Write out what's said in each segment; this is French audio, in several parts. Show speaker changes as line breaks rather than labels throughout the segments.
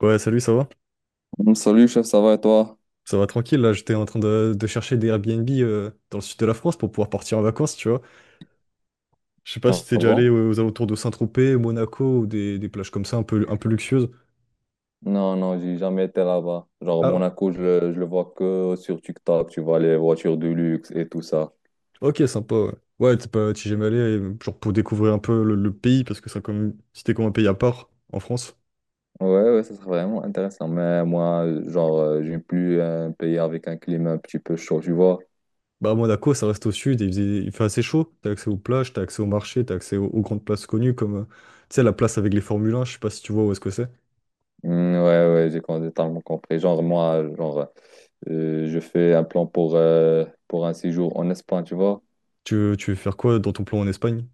Ouais, salut, ça va?
Salut chef, ça va et toi?
Ça va tranquille, là, j'étais en train de chercher des Airbnb dans le sud de la France pour pouvoir partir en vacances, tu vois. Je sais pas si
Ah
t'es déjà
bon?
allé aux alentours de Saint-Tropez, Monaco, ou des plages comme ça, un peu luxueuses.
Non, non, j'ai jamais été là-bas. Genre
Ah ouais,
Monaco, je le vois que sur TikTok, tu vois les voitures de luxe et tout ça.
ok, sympa, ouais. Ouais, t'es pas, t'y jamais allé, genre pour découvrir un peu le pays, parce que ça, comme, c'était comme un pays à part en France.
Ouais, ouais, ça serait vraiment intéressant. Mais moi, genre, j'aime plus un pays avec un climat un petit peu chaud, tu vois?
Bah, à Monaco, ça reste au sud, et il fait assez chaud, t'as accès aux plages, t'as accès au marché, t'as accès aux grandes places connues, comme, tu sais, la place avec les Formule 1, je sais pas si tu vois où est-ce que c'est.
Ouais, ouais, totalement compris. Genre moi, genre, je fais un plan pour un séjour en Espagne, tu vois?
Tu veux faire quoi dans ton plan en Espagne?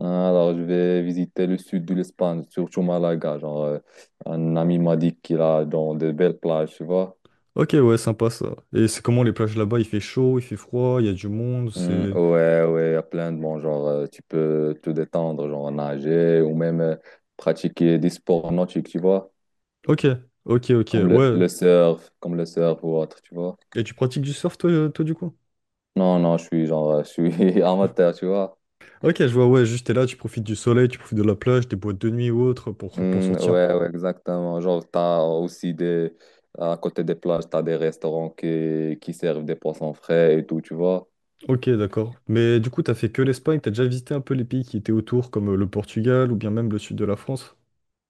Ah, alors, je vais visiter le sud de l'Espagne, surtout Malaga. Genre, un ami m'a dit qu'il a dans de belles plages, tu vois.
Ok, ouais, sympa ça. Et c'est comment les plages là-bas? Il fait chaud, il fait froid, il y a du monde,
Hmm,
c'est...
ouais, ouais, il y a plein de bons. Genre, tu peux te détendre, genre nager ou même pratiquer des sports nautiques, tu vois.
Ok, ok, ok,
Comme le,
ouais.
le surf, comme le surf ou autre, tu vois.
Et tu pratiques du surf, toi, du coup?
Non, non, je suis genre, je suis amateur, tu vois.
Ok, je vois, ouais, juste t'es là, tu profites du soleil, tu profites de la plage, des boîtes de nuit ou autre pour
Hmm,
sortir.
ouais, ouais, exactement. Genre, à côté des plages, t'as des restaurants qui servent des poissons frais et tout, tu vois.
Ok, d'accord. Mais du coup, t'as fait que l'Espagne, t'as déjà visité un peu les pays qui étaient autour, comme le Portugal ou bien même le sud de la France?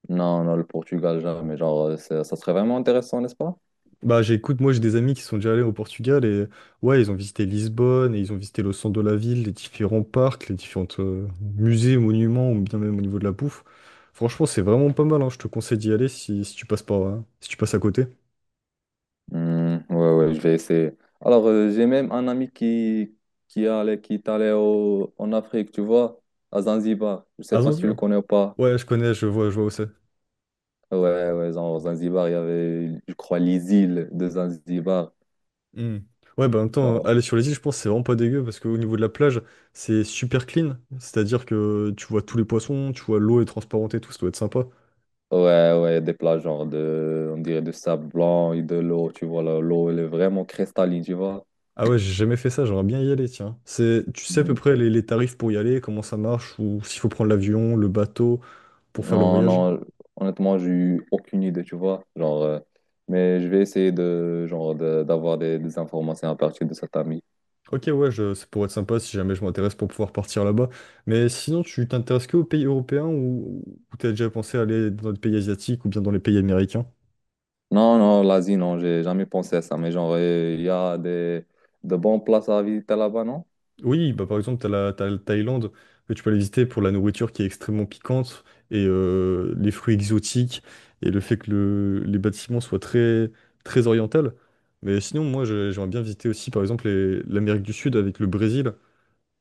Non, non, le Portugal, jamais. Genre, ça serait vraiment intéressant, n'est-ce pas?
Bah j'écoute, moi j'ai des amis qui sont déjà allés au Portugal et ouais, ils ont visité Lisbonne et ils ont visité le centre de la ville, les différents parcs, les différents musées, monuments ou bien même au niveau de la bouffe. Franchement, c'est vraiment pas mal, hein. Je te conseille d'y aller si tu passes par, hein, si tu passes à côté.
Hmm, ouais, ouais, je vais essayer. Alors, j'ai même un ami qui allait qui est allé en Afrique, tu vois, à Zanzibar. Je sais
À
pas si tu le
Zanzibar.
connais ou pas.
Ouais, je connais, je vois où c'est.
Ouais, ouais, genre, Zanzibar, il y avait, je crois, les îles de Zanzibar.
Hmm. Ouais, bah en même temps,
Alors,
aller sur les îles, je pense que c'est vraiment pas dégueu parce qu'au niveau de la plage, c'est super clean. C'est-à-dire que tu vois tous les poissons, tu vois l'eau est transparente et tout, ça doit être sympa.
ouais, ouais, des plages, genre, de, on dirait, de sable blanc et de l'eau, tu vois, là, l'eau, elle est vraiment cristalline, tu vois.
Ah ouais, j'ai jamais fait ça, j'aimerais bien y aller, tiens. Tu sais à peu
Hmm.
près les tarifs pour y aller, comment ça marche, ou s'il faut prendre l'avion, le bateau pour faire le
Non,
voyage?
non, honnêtement, j'ai eu aucune idée, tu vois. Genre, mais je vais essayer de, genre, d'avoir des informations à partir de cet ami.
Ok, ouais, ça pourrait être sympa si jamais je m'intéresse pour pouvoir partir là-bas. Mais sinon, tu t'intéresses que aux pays européens ou t'as déjà pensé à aller dans les pays asiatiques ou bien dans les pays américains?
Non, non, l'Asie, non, j'ai jamais pensé à ça. Mais genre, il y a des, de bonnes places à visiter là-bas, non?
Oui, bah par exemple, t'as la Thaïlande, que tu peux aller visiter pour la nourriture qui est extrêmement piquante et les fruits exotiques et le fait que les bâtiments soient très, très orientaux. Mais sinon, moi, j'aimerais bien visiter aussi, par exemple, l'Amérique du Sud avec le Brésil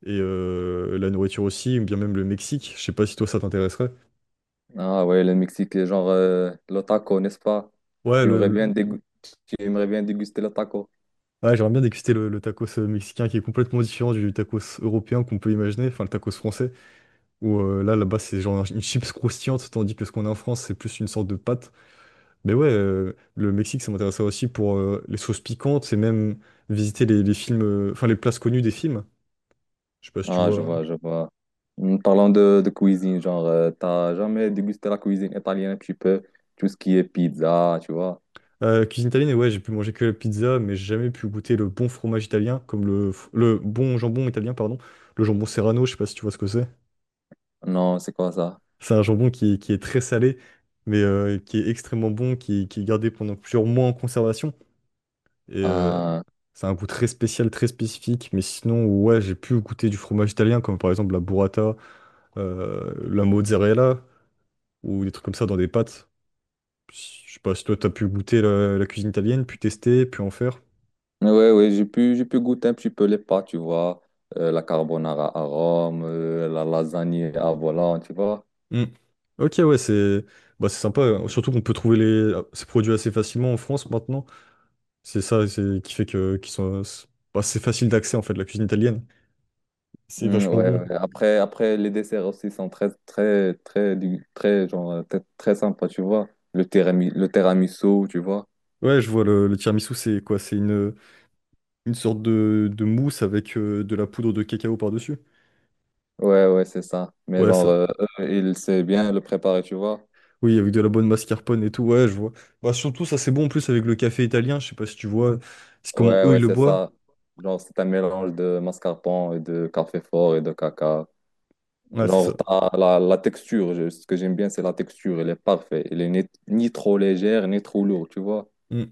et la nourriture aussi, ou bien même le Mexique. Je sais pas si toi, ça t'intéresserait.
Ah ouais, le Mexique, genre, le taco, n'est-ce pas?
Ouais,
Tu aimerais bien dégu- Tu aimerais bien déguster le taco.
ouais, j'aimerais bien déguster le tacos mexicain qui est complètement différent du tacos européen qu'on peut imaginer, enfin le tacos français. Où là-bas, c'est genre une chips croustillante, tandis que ce qu'on a en France, c'est plus une sorte de pâte. Mais ouais, le Mexique, ça m'intéressait aussi pour les sauces piquantes et même visiter les films, enfin les places connues des films. Je sais pas si tu
Ah, je
vois, hein.
vois, je vois. Parlons de cuisine, genre, t'as jamais dégusté la cuisine italienne un petit peu, tout ce qui est pizza, tu vois.
Cuisine italienne, et ouais, j'ai pu manger que la pizza, mais j'ai jamais pu goûter le bon fromage italien, comme le bon jambon italien, pardon. Le jambon Serrano, je sais pas si tu vois ce que c'est.
Non, c'est comme ça.
C'est un jambon qui est très salé, mais qui est extrêmement bon, qui est gardé pendant plusieurs mois en conservation. Et
Euh,
c'est un goût très spécial, très spécifique. Mais sinon, ouais, j'ai pu goûter du fromage italien, comme par exemple la burrata, la mozzarella, ou des trucs comme ça dans des pâtes. Je sais pas si toi, t'as pu goûter la cuisine italienne, puis tester, puis en faire.
ouais, ouais, j'ai pu goûter un petit peu les pâtes, tu vois. La carbonara à Rome, la lasagne à volant, tu vois.
Hmm. Ok, ouais, c'est bah, c'est sympa, hein. Surtout qu'on peut trouver ces produits assez facilement en France maintenant. Qui fait que qu'ils sont... c'est Bah, c'est facile d'accès, en fait, la cuisine italienne. C'est
Mm,
vachement
ouais,
bon.
ouais. Après, les desserts aussi sont très, genre, très, très sympas, tu vois. Le tiramisu, tu vois.
Ouais, je vois, le tiramisu, c'est quoi? Une sorte de mousse avec de la poudre de cacao par-dessus.
Ouais, ouais, c'est ça. Mais
Ouais,
genre,
ça.
eux, ils savent bien le préparer, tu vois.
Oui, avec de la bonne mascarpone et tout, ouais, je vois. Bah, surtout, ça, c'est bon en plus avec le café italien, je sais pas si tu vois, c'est comment
Ouais,
eux,
ouais,
ils le
c'est
boivent.
ça. Genre, c'est un mélange de mascarpone et de café fort et de caca.
Ouais, c'est ça.
Genre, la texture, ce que j'aime bien, c'est la texture, elle est parfaite. Elle est ni, ni trop légère, ni trop lourde, tu vois.
Mm.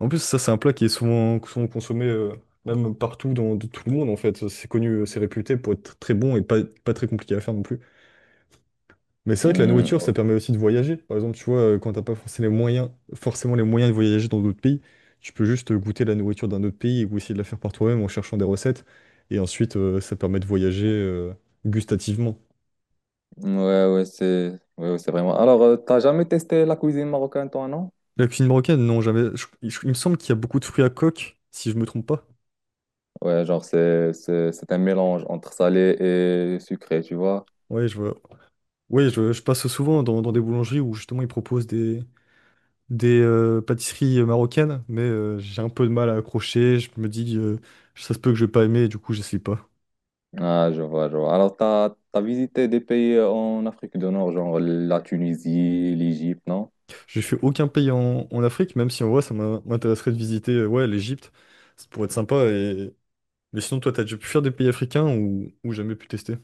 En plus, ça, c'est un plat qui est souvent consommé, même partout dans tout le monde, en fait. C'est connu, c'est réputé pour être très bon et pas très compliqué à faire non plus. Mais c'est vrai que la
Hmm,
nourriture, ça permet aussi de voyager. Par exemple, tu vois, quand t'as pas forcément les moyens de voyager dans d'autres pays, tu peux juste goûter la nourriture d'un autre pays ou essayer de la faire par toi-même en cherchant des recettes. Et ensuite, ça permet de voyager gustativement.
ouais, ouais, ouais, c'est vraiment. Alors, t'as jamais testé la cuisine marocaine, toi, non?
La cuisine marocaine, non, jamais. Il me semble qu'il y a beaucoup de fruits à coque, si je me trompe pas.
Ouais, genre, c'est un mélange entre salé et sucré, tu vois.
Ouais, je vois. Ouais, je passe souvent dans des boulangeries où justement ils proposent des pâtisseries marocaines, mais j'ai un peu de mal à accrocher. Je me dis, ça se peut que je vais pas aimer, et du coup, j'essaye pas.
Ah, je vois, je vois. Alors, t'as visité des pays en Afrique du Nord, genre la Tunisie, l'Égypte, non?
J'ai fait aucun pays en Afrique, même si en vrai, ça m'intéresserait de visiter ouais, l'Égypte. Ça pourrait être sympa. Mais sinon, toi, t'as déjà pu faire des pays africains ou jamais pu tester?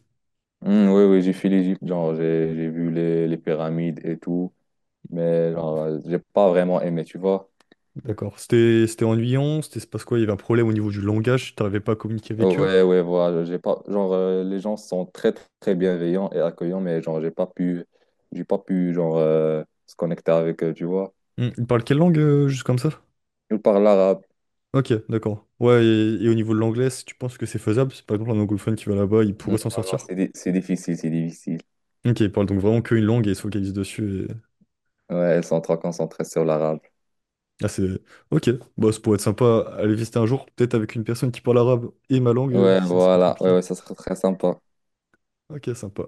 Hmm, oui, oui, j'ai fait l'Égypte, genre, j'ai vu les pyramides et tout. Mais genre, j'ai pas vraiment aimé, tu vois.
D'accord. C'était ennuyant, c'était se passe quoi? Il y avait un problème au niveau du langage, t'arrivais pas à communiquer avec eux.
Ouais, ouais, voilà, j'ai pas, genre, les gens sont très, très bienveillants et accueillants, mais genre, j'ai pas pu, genre, se connecter avec eux, tu vois.
Ils parlent quelle langue, juste comme ça?
Ils parlent l'arabe.
Ok, d'accord. Ouais, et au niveau de l'anglais, si tu penses que c'est faisable, c'est par exemple un anglophone qui va là-bas, il pourrait s'en
Non, non,
sortir.
c'est difficile, c'est difficile.
Ok, il parle donc vraiment qu'une langue et il se focalise dessus.
Ouais, ils sont trop concentrés sur l'arabe.
Ah. Ok, bah, ça pourrait être sympa à aller visiter un jour, peut-être avec une personne qui parle arabe et ma langue,
Ouais,
sinon ça peut être
voilà, ouais,
compliqué.
ouais, ça serait très sympa.
Ok, sympa.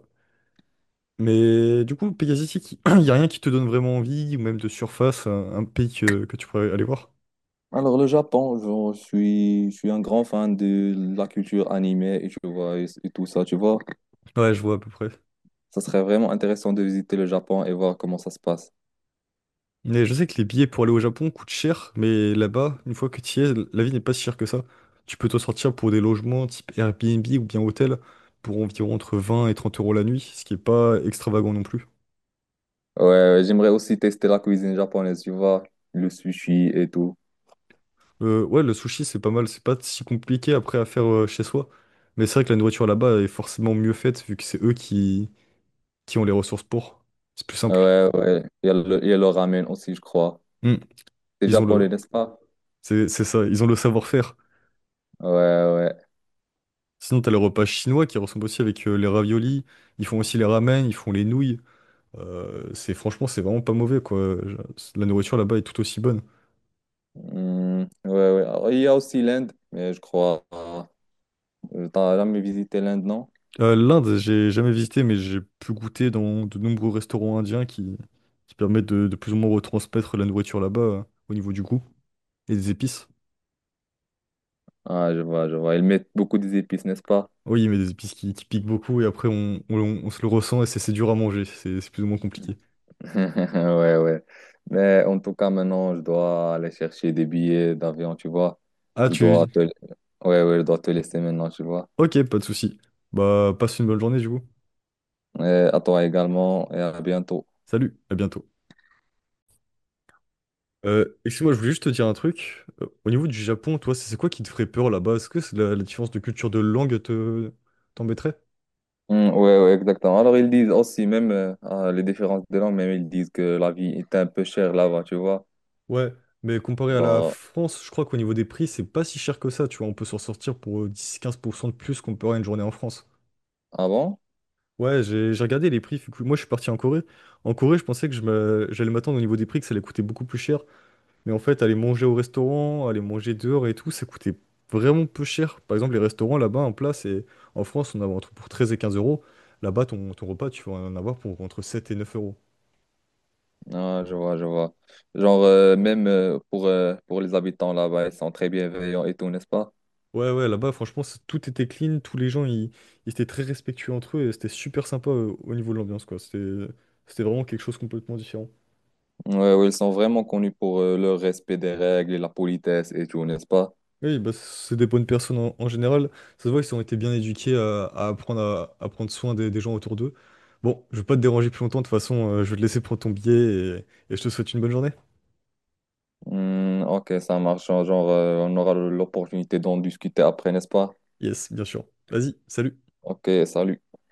Mais du coup, pays asiatique, il n'y a rien qui te donne vraiment envie, ou même de surface, un pays que tu pourrais aller voir?
Alors, le Japon, genre, je suis un grand fan de la culture animée et tu vois, et tout ça, tu vois.
Ouais, je vois à peu près.
Ça serait vraiment intéressant de visiter le Japon et voir comment ça se passe.
Mais je sais que les billets pour aller au Japon coûtent cher, mais là-bas, une fois que tu y es, la vie n'est pas si chère que ça. Tu peux te sortir pour des logements type Airbnb ou bien hôtel pour environ entre 20 et 30 € la nuit, ce qui est pas extravagant non plus.
Ouais, ouais, j'aimerais aussi tester la cuisine japonaise, tu vois, le sushi et tout.
Ouais, le sushi, c'est pas mal. C'est pas si compliqué après à faire chez soi. Mais c'est vrai que la nourriture là-bas est forcément mieux faite vu que c'est eux qui ont les ressources pour. C'est plus simple.
Ouais, ouais, il y a le ramen aussi, je crois.
Hmm.
C'est
Ils ont
japonais,
le,
n'est-ce pas?
c'est ça, ils ont le savoir-faire.
Ouais, ouais.
Sinon, t'as les repas chinois qui ressemblent aussi avec les raviolis. Ils font aussi les ramen, ils font les nouilles. C'est Franchement, c'est vraiment pas mauvais quoi. La nourriture là-bas est tout aussi bonne.
Hmm, ouais, ouais. Alors, il y a aussi l'Inde, mais je crois. T'as jamais visité l'Inde, non?
L'Inde, j'ai jamais visité, mais j'ai pu goûter dans de nombreux restaurants indiens qui permettent de plus ou moins retransmettre la nourriture là-bas au niveau du goût et des épices.
Ah, je vois, je vois. Ils mettent beaucoup d'épices, n'est-ce pas?
Oui, mais des épices qui piquent beaucoup et après on se le ressent et c'est dur à manger, c'est plus ou moins compliqué.
Ouais, ouais. Mais en tout cas, maintenant, je dois aller chercher des billets d'avion, tu vois.
Ah,
Je dois
tu...
te... ouais, ouais, je dois te laisser maintenant, tu vois.
Ok, pas de souci. Bah, passe une bonne journée du coup.
Et à toi également, et à bientôt.
Salut, à bientôt. Excuse-moi, je voulais juste te dire un truc. Au niveau du Japon, toi, c'est quoi qui te ferait peur là-bas? Est-ce que c'est la différence de culture de langue te t'embêterait?
Mm, ouais, ouais, exactement. Alors, ils disent aussi, même les différences de langue, même ils disent que la vie est un peu chère là-bas, tu vois.
Ouais, mais comparé à la
Genre,
France, je crois qu'au niveau des prix, c'est pas si cher que ça, tu vois. On peut s'en sortir pour 10-15 % de plus qu'on peut avoir une journée en France.
ah bon?
Ouais, j'ai regardé les prix. Fait que moi, je suis parti en Corée. En Corée, je pensais que j'allais m'attendre au niveau des prix que ça allait coûter beaucoup plus cher. Mais en fait, aller manger au restaurant, aller manger dehors et tout, ça coûtait vraiment peu cher. Par exemple, les restaurants là-bas, un plat c'est en France, on en a entre pour 13 et 15 euros. Là-bas, ton repas, tu vas en avoir pour entre 7 et 9 euros.
Ah, je vois, je vois. Genre, même pour les habitants là-bas, ils sont très bienveillants et tout, n'est-ce pas?
Ouais, ouais, là-bas, franchement, tout était clean, tous les gens, ils étaient très respectueux entre eux, et c'était super sympa au niveau de l'ambiance, quoi. C'était vraiment quelque chose de complètement différent.
Mm, ouais, ouais, ils sont vraiment connus pour leur respect des règles et la politesse et tout, n'est-ce pas?
Oui, bah, c'est des bonnes personnes en général. Ça se voit, ils ont été bien éduqués à apprendre à prendre soin des gens autour d'eux. Bon, je vais pas te déranger plus longtemps, de toute façon, je vais te laisser prendre ton billet, et je te souhaite une bonne journée.
Mm, ok, ça marche. Genre, on aura l'opportunité d'en discuter après, n'est-ce pas?
Yes, bien sûr. Vas-y, salut.
Ok, salut.